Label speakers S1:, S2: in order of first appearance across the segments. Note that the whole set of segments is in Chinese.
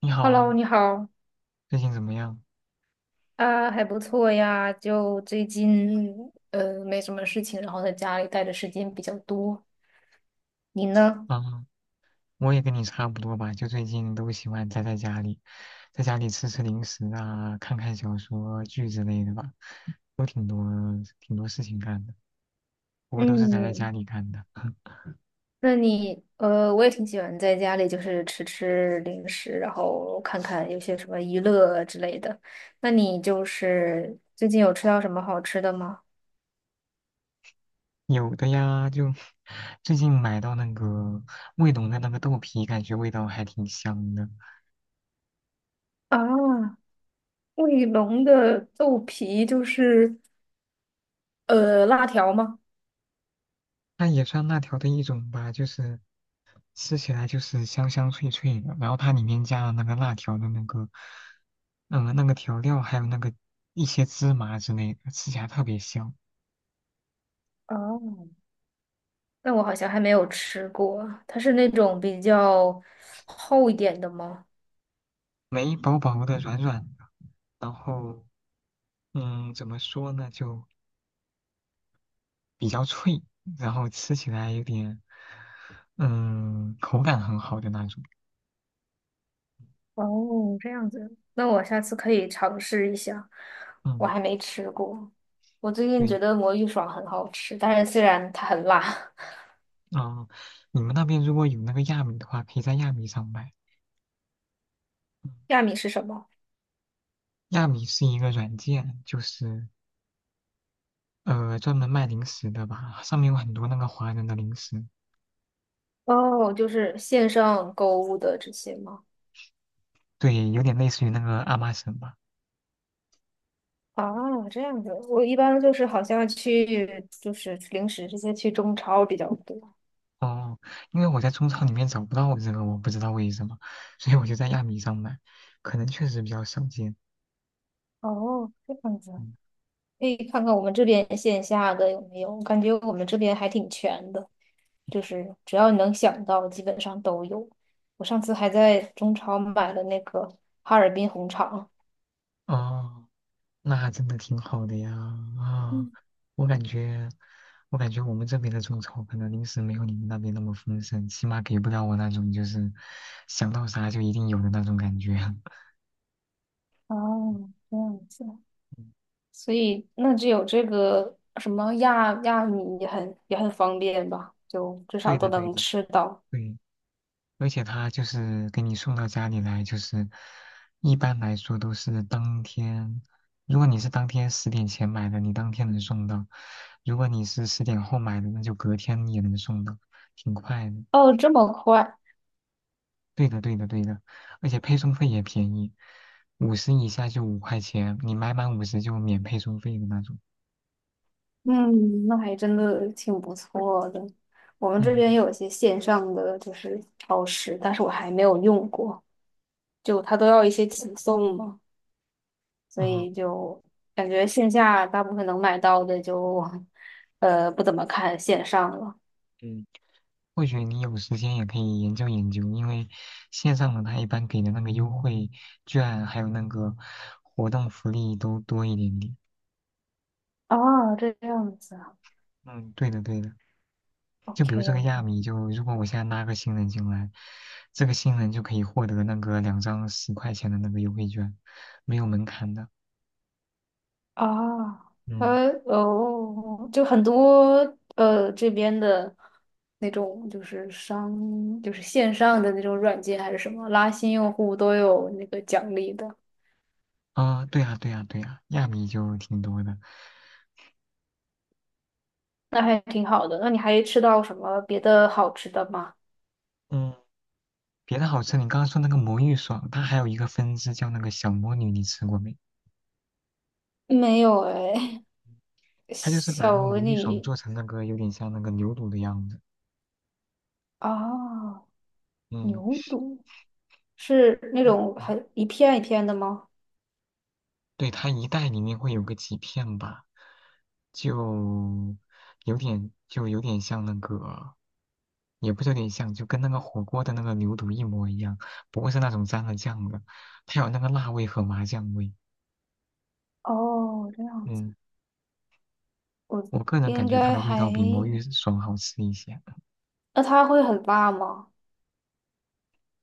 S1: 你
S2: Hello，
S1: 好，
S2: 你好
S1: 最近怎么样？
S2: 啊，还不错呀。就最近没什么事情，然后在家里待的时间比较多。你呢？
S1: 啊，我也跟你差不多吧，就最近都喜欢宅在家里，在家里吃吃零食啊，看看小说剧之类的吧，都挺多事情干的，不过都是宅在
S2: 嗯，
S1: 家里干的。
S2: 我也挺喜欢在家里就是吃吃零食，然后看看有些什么娱乐之类的。那你就是最近有吃到什么好吃的吗？
S1: 有的呀，就最近买到那个卫龙的那个豆皮，感觉味道还挺香的，
S2: 啊，卫龙的豆皮就是辣条吗？
S1: 那也算辣条的一种吧，就是吃起来就是香香脆脆的，然后它里面加了那个辣条的那个，嗯，那个调料，还有那个一些芝麻之类的，吃起来特别香，
S2: 啊。但我好像还没有吃过，它是那种比较厚一点的吗？
S1: 梅薄薄的、软软的，然后怎么说呢，就比较脆，然后吃起来有点，口感很好的那种，
S2: 哦，这样子，那我下次可以尝试一下。我
S1: 嗯，
S2: 还没吃过，我最近
S1: 对，
S2: 觉得魔芋爽很好吃，但是虽然它很辣。
S1: 嗯，你们那边如果有那个亚米的话，可以在亚米上买。嗯
S2: 亚米是什么？
S1: 亚米是一个软件，就是专门卖零食的吧，上面有很多那个华人的零食，
S2: 哦，就是线上购物的这些吗？
S1: 对，有点类似于那个阿玛什吧。
S2: 啊，这样子，我一般就是好像去就是零食这些去中超比较多。
S1: 哦，因为我在中超里面找不到这个，我不知道为什么，所以我就在亚米上买，可能确实比较少见。
S2: 哦，这样子。
S1: 嗯，
S2: 可以看看我们这边线下的有没有，我感觉我们这边还挺全的，就是只要你能想到，基本上都有。我上次还在中超买了那个哈尔滨红肠。
S1: 哦，那还真的挺好的呀。啊、
S2: 嗯，
S1: 我感觉，我感觉，我们这边的中超可能零食没有你们那边那么丰盛，起码给不了我那种就是想到啥就一定有的那种感觉。
S2: 哦，这样子，
S1: 嗯，
S2: 所以那只有这个什么亚米也很方便吧，就至少
S1: 对
S2: 都
S1: 的，对
S2: 能
S1: 的，
S2: 吃到。
S1: 对。而且他就是给你送到家里来，就是一般来说都是当天，如果你是当天十点前买的，你当天能送到；如果你是十点后买的，那就隔天也能送到，挺快的。
S2: 哦，这么快，
S1: 对的，对的，对的，而且配送费也便宜，五十以下就5块钱，你买满五十就免配送费的那种。
S2: 嗯，那还真的挺不错的。我们这边
S1: 嗯
S2: 有一些线上的就是超市，但是我还没有用过。就他都要一些起送嘛，所
S1: 嗯。
S2: 以就感觉线下大部分能买到的就，不怎么看线上了。
S1: 或许你有时间也可以研究研究，因为线上的它一般给的那个优惠券还有那个活动福利都多一点点。
S2: 啊，这样子啊
S1: 嗯，对的对的，就
S2: ，OK
S1: 比如这个
S2: 哦，
S1: 亚米，就如果我现在拉个新人进来，这个新人就可以获得那个两张10块钱的那个优惠券，没有门槛的。
S2: 啊，
S1: 嗯，
S2: 哦，就很多这边的那种就是线上的那种软件还是什么，拉新用户都有那个奖励的，
S1: 啊，对呀对呀对呀，亚米就挺多的。
S2: 那还挺好的。那你还吃到什么别的好吃的吗？
S1: 嗯，别的好吃，你刚刚说那个魔芋爽，它还有一个分支叫那个小魔女，你吃过没？
S2: 没有哎，
S1: 它就是把
S2: 小
S1: 那个
S2: 鹅
S1: 魔芋爽
S2: 你
S1: 做成那个有点像那个牛肚的样子。
S2: 哦，
S1: 嗯，
S2: 牛肚，是那种很一片一片的吗？
S1: 对，它一袋里面会有个几片吧，就就有点像那个，也不是有点像，就跟那个火锅的那个牛肚一模一样，不过是那种沾了酱的，它有那个辣味和麻酱味。
S2: 哦，这样子，
S1: 嗯，
S2: 我
S1: 我个人感
S2: 应
S1: 觉它
S2: 该
S1: 的味
S2: 还，
S1: 道比魔芋爽好吃一些，
S2: 那它会很辣吗？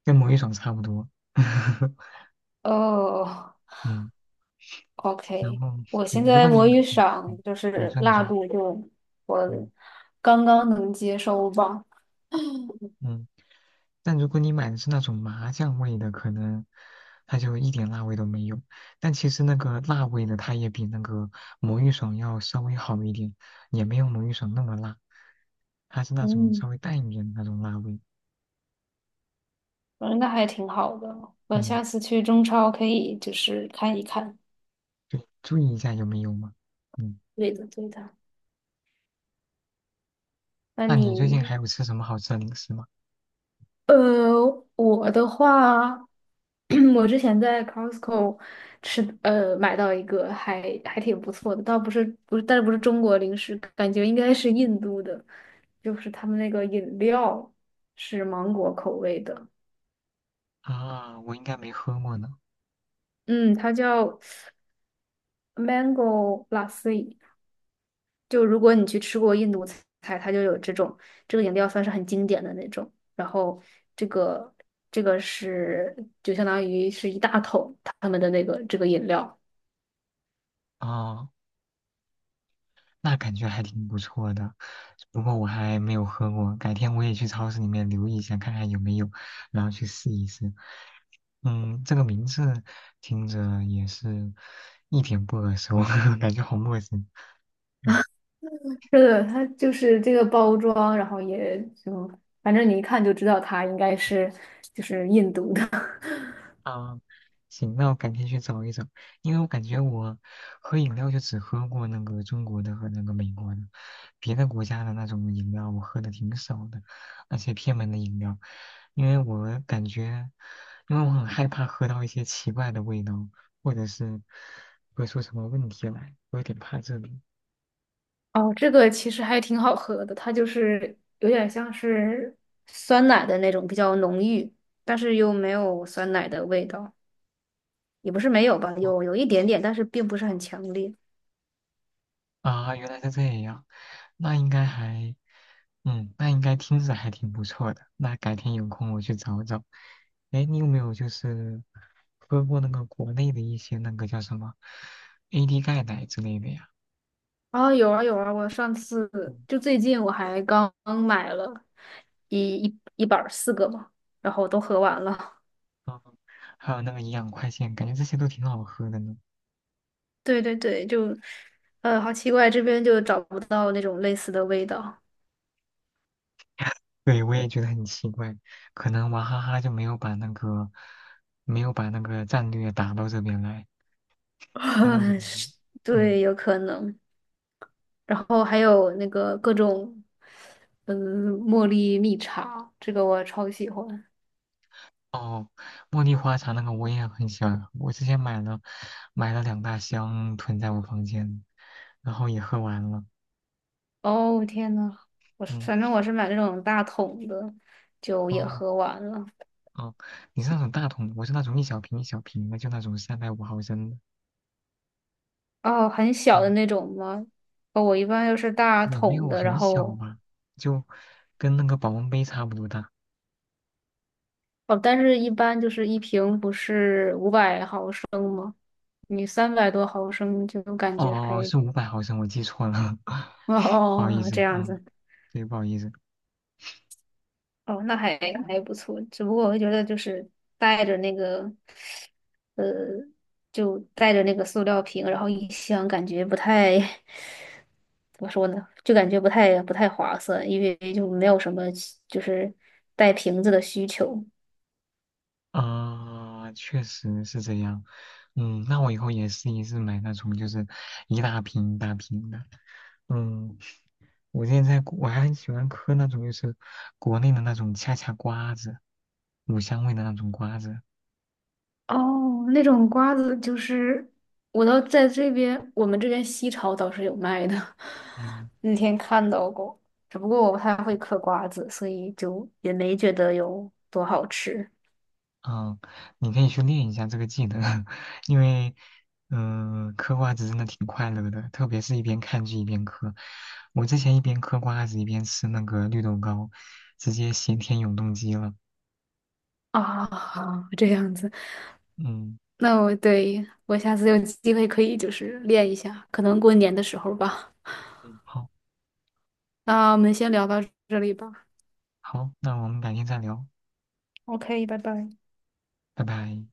S1: 跟魔芋爽差不多。
S2: 哦
S1: 嗯，然
S2: ，OK，
S1: 后
S2: 我
S1: 对，
S2: 现
S1: 如
S2: 在
S1: 果你
S2: 魔芋爽
S1: 嗯
S2: 就
S1: 你
S2: 是
S1: 说你
S2: 辣
S1: 说，
S2: 度就我
S1: 嗯
S2: 刚刚能接受吧，
S1: 嗯。但如果你买的是那种麻酱味的，可能它就一点辣味都没有。但其实那个辣味的，它也比那个魔芋爽要稍微好一点，也没有魔芋爽那么辣，它是那种
S2: 嗯
S1: 稍微淡一点的那种辣味。
S2: 嗯，那还挺好的。我
S1: 嗯，
S2: 下次去中超可以就是看一看。
S1: 对，注意一下有没有嘛。嗯，
S2: 对的，对的。那
S1: 那你最近
S2: 你
S1: 还有吃什么好吃的零食吗？
S2: 我的话，我之前在 Costco 吃，买到一个还挺不错的，倒不是，但是不是中国零食，感觉应该是印度的，就是他们那个饮料是芒果口味的，
S1: 啊，我应该没喝过呢。
S2: 嗯，它叫 Mango Lassi。就如果你去吃过印度菜，它就有这种，这个饮料算是很经典的那种。然后这个这个是就相当于是一大桶他们的那个这个饮料。
S1: 啊。那感觉还挺不错的。不过我还没有喝过，改天我也去超市里面留意一下，看看有没有，然后去试一试。嗯，这个名字听着也是一点不耳熟，感觉好陌生。嗯。
S2: 是的，它就是这个包装，然后也就反正你一看就知道它应该是就是印度的。
S1: 啊，行，那我改天去找一找，因为我感觉我喝饮料就只喝过那个中国的和那个美国的，别的国家的那种饮料我喝的挺少的，而且偏门的饮料，因为我感觉，因为我很害怕喝到一些奇怪的味道，或者是喝出什么问题来，我有点怕这个。
S2: 哦，这个其实还挺好喝的，它就是有点像是酸奶的那种，比较浓郁，但是又没有酸奶的味道。也不是没有吧，有一点点，但是并不是很强烈。
S1: 啊，原来是这样，那应该还，那应该听着还挺不错的。那改天有空我去找找。哎，你有没有就是喝过那个国内的一些那个叫什么 AD 钙奶之类的呀？
S2: 啊，有啊有啊，我上次就最近我还刚买了一板儿四个嘛，然后都喝完了。
S1: 还有那个营养快线，感觉这些都挺好喝的呢。
S2: 对对对，就好奇怪，这边就找不到那种类似的味道。
S1: 对，我也觉得很奇怪，可能娃哈哈就没有把那个战略打到这边来，带到这 边。
S2: 是
S1: 嗯。
S2: 对，有可能。然后还有那个各种，茉莉蜜茶，这个我超喜欢。
S1: 哦，茉莉花茶那个我也很喜欢我之前买了两大箱囤在我房间，然后也喝完了。
S2: 哦，天呐，我
S1: 嗯，
S2: 反正我是买那种大桶的，就也
S1: 哦
S2: 喝完了。
S1: 哦，你是那种大桶的我是那种一小瓶一小瓶的，就那种350毫升的。
S2: 哦，很小的
S1: 嗯，
S2: 那种吗？哦，我一般又是大
S1: 也没
S2: 桶
S1: 有
S2: 的，然
S1: 很小
S2: 后
S1: 吧，就跟那个保温杯差不多大。
S2: 哦，但是一般就是一瓶不是500毫升，你300多毫升就感
S1: 哦，
S2: 觉
S1: 哦哦
S2: 还
S1: 是500毫升，我记错了，
S2: 哦
S1: 不好意
S2: 哦这
S1: 思。
S2: 样
S1: 嗯，
S2: 子，
S1: 对，不好意思。
S2: 哦，那还不错。只不过我会觉得就是带着那个呃，带着那个塑料瓶，然后一箱感觉不太 怎么说呢，就感觉不太划算，因为就没有什么就是带瓶子的需求。
S1: 啊，确实是这样。嗯，那我以后也试一试买那种就是一大瓶一大瓶的。嗯，我现在我还很喜欢嗑那种就是国内的那种恰恰瓜子，乳香味的那种瓜子。
S2: 哦，那种瓜子就是我倒在这边，我们这边西超倒是有卖的，
S1: 嗯
S2: 那天看到过，只不过我不太会嗑瓜子，所以就也没觉得有多好吃
S1: 嗯，你可以去练一下这个技能，因为嗑瓜子真的挺快乐的，特别是一边看剧一边嗑。我之前一边嗑瓜子一边吃那个绿豆糕，直接咸甜永动机了。
S2: 啊。这样子，
S1: 嗯，
S2: 那我下次有机会可以就是练一下，可能过年的时候吧。
S1: 嗯，好，
S2: 那我们先聊到这里吧。
S1: 好，那我们改天再聊，
S2: OK，拜拜。
S1: 拜拜。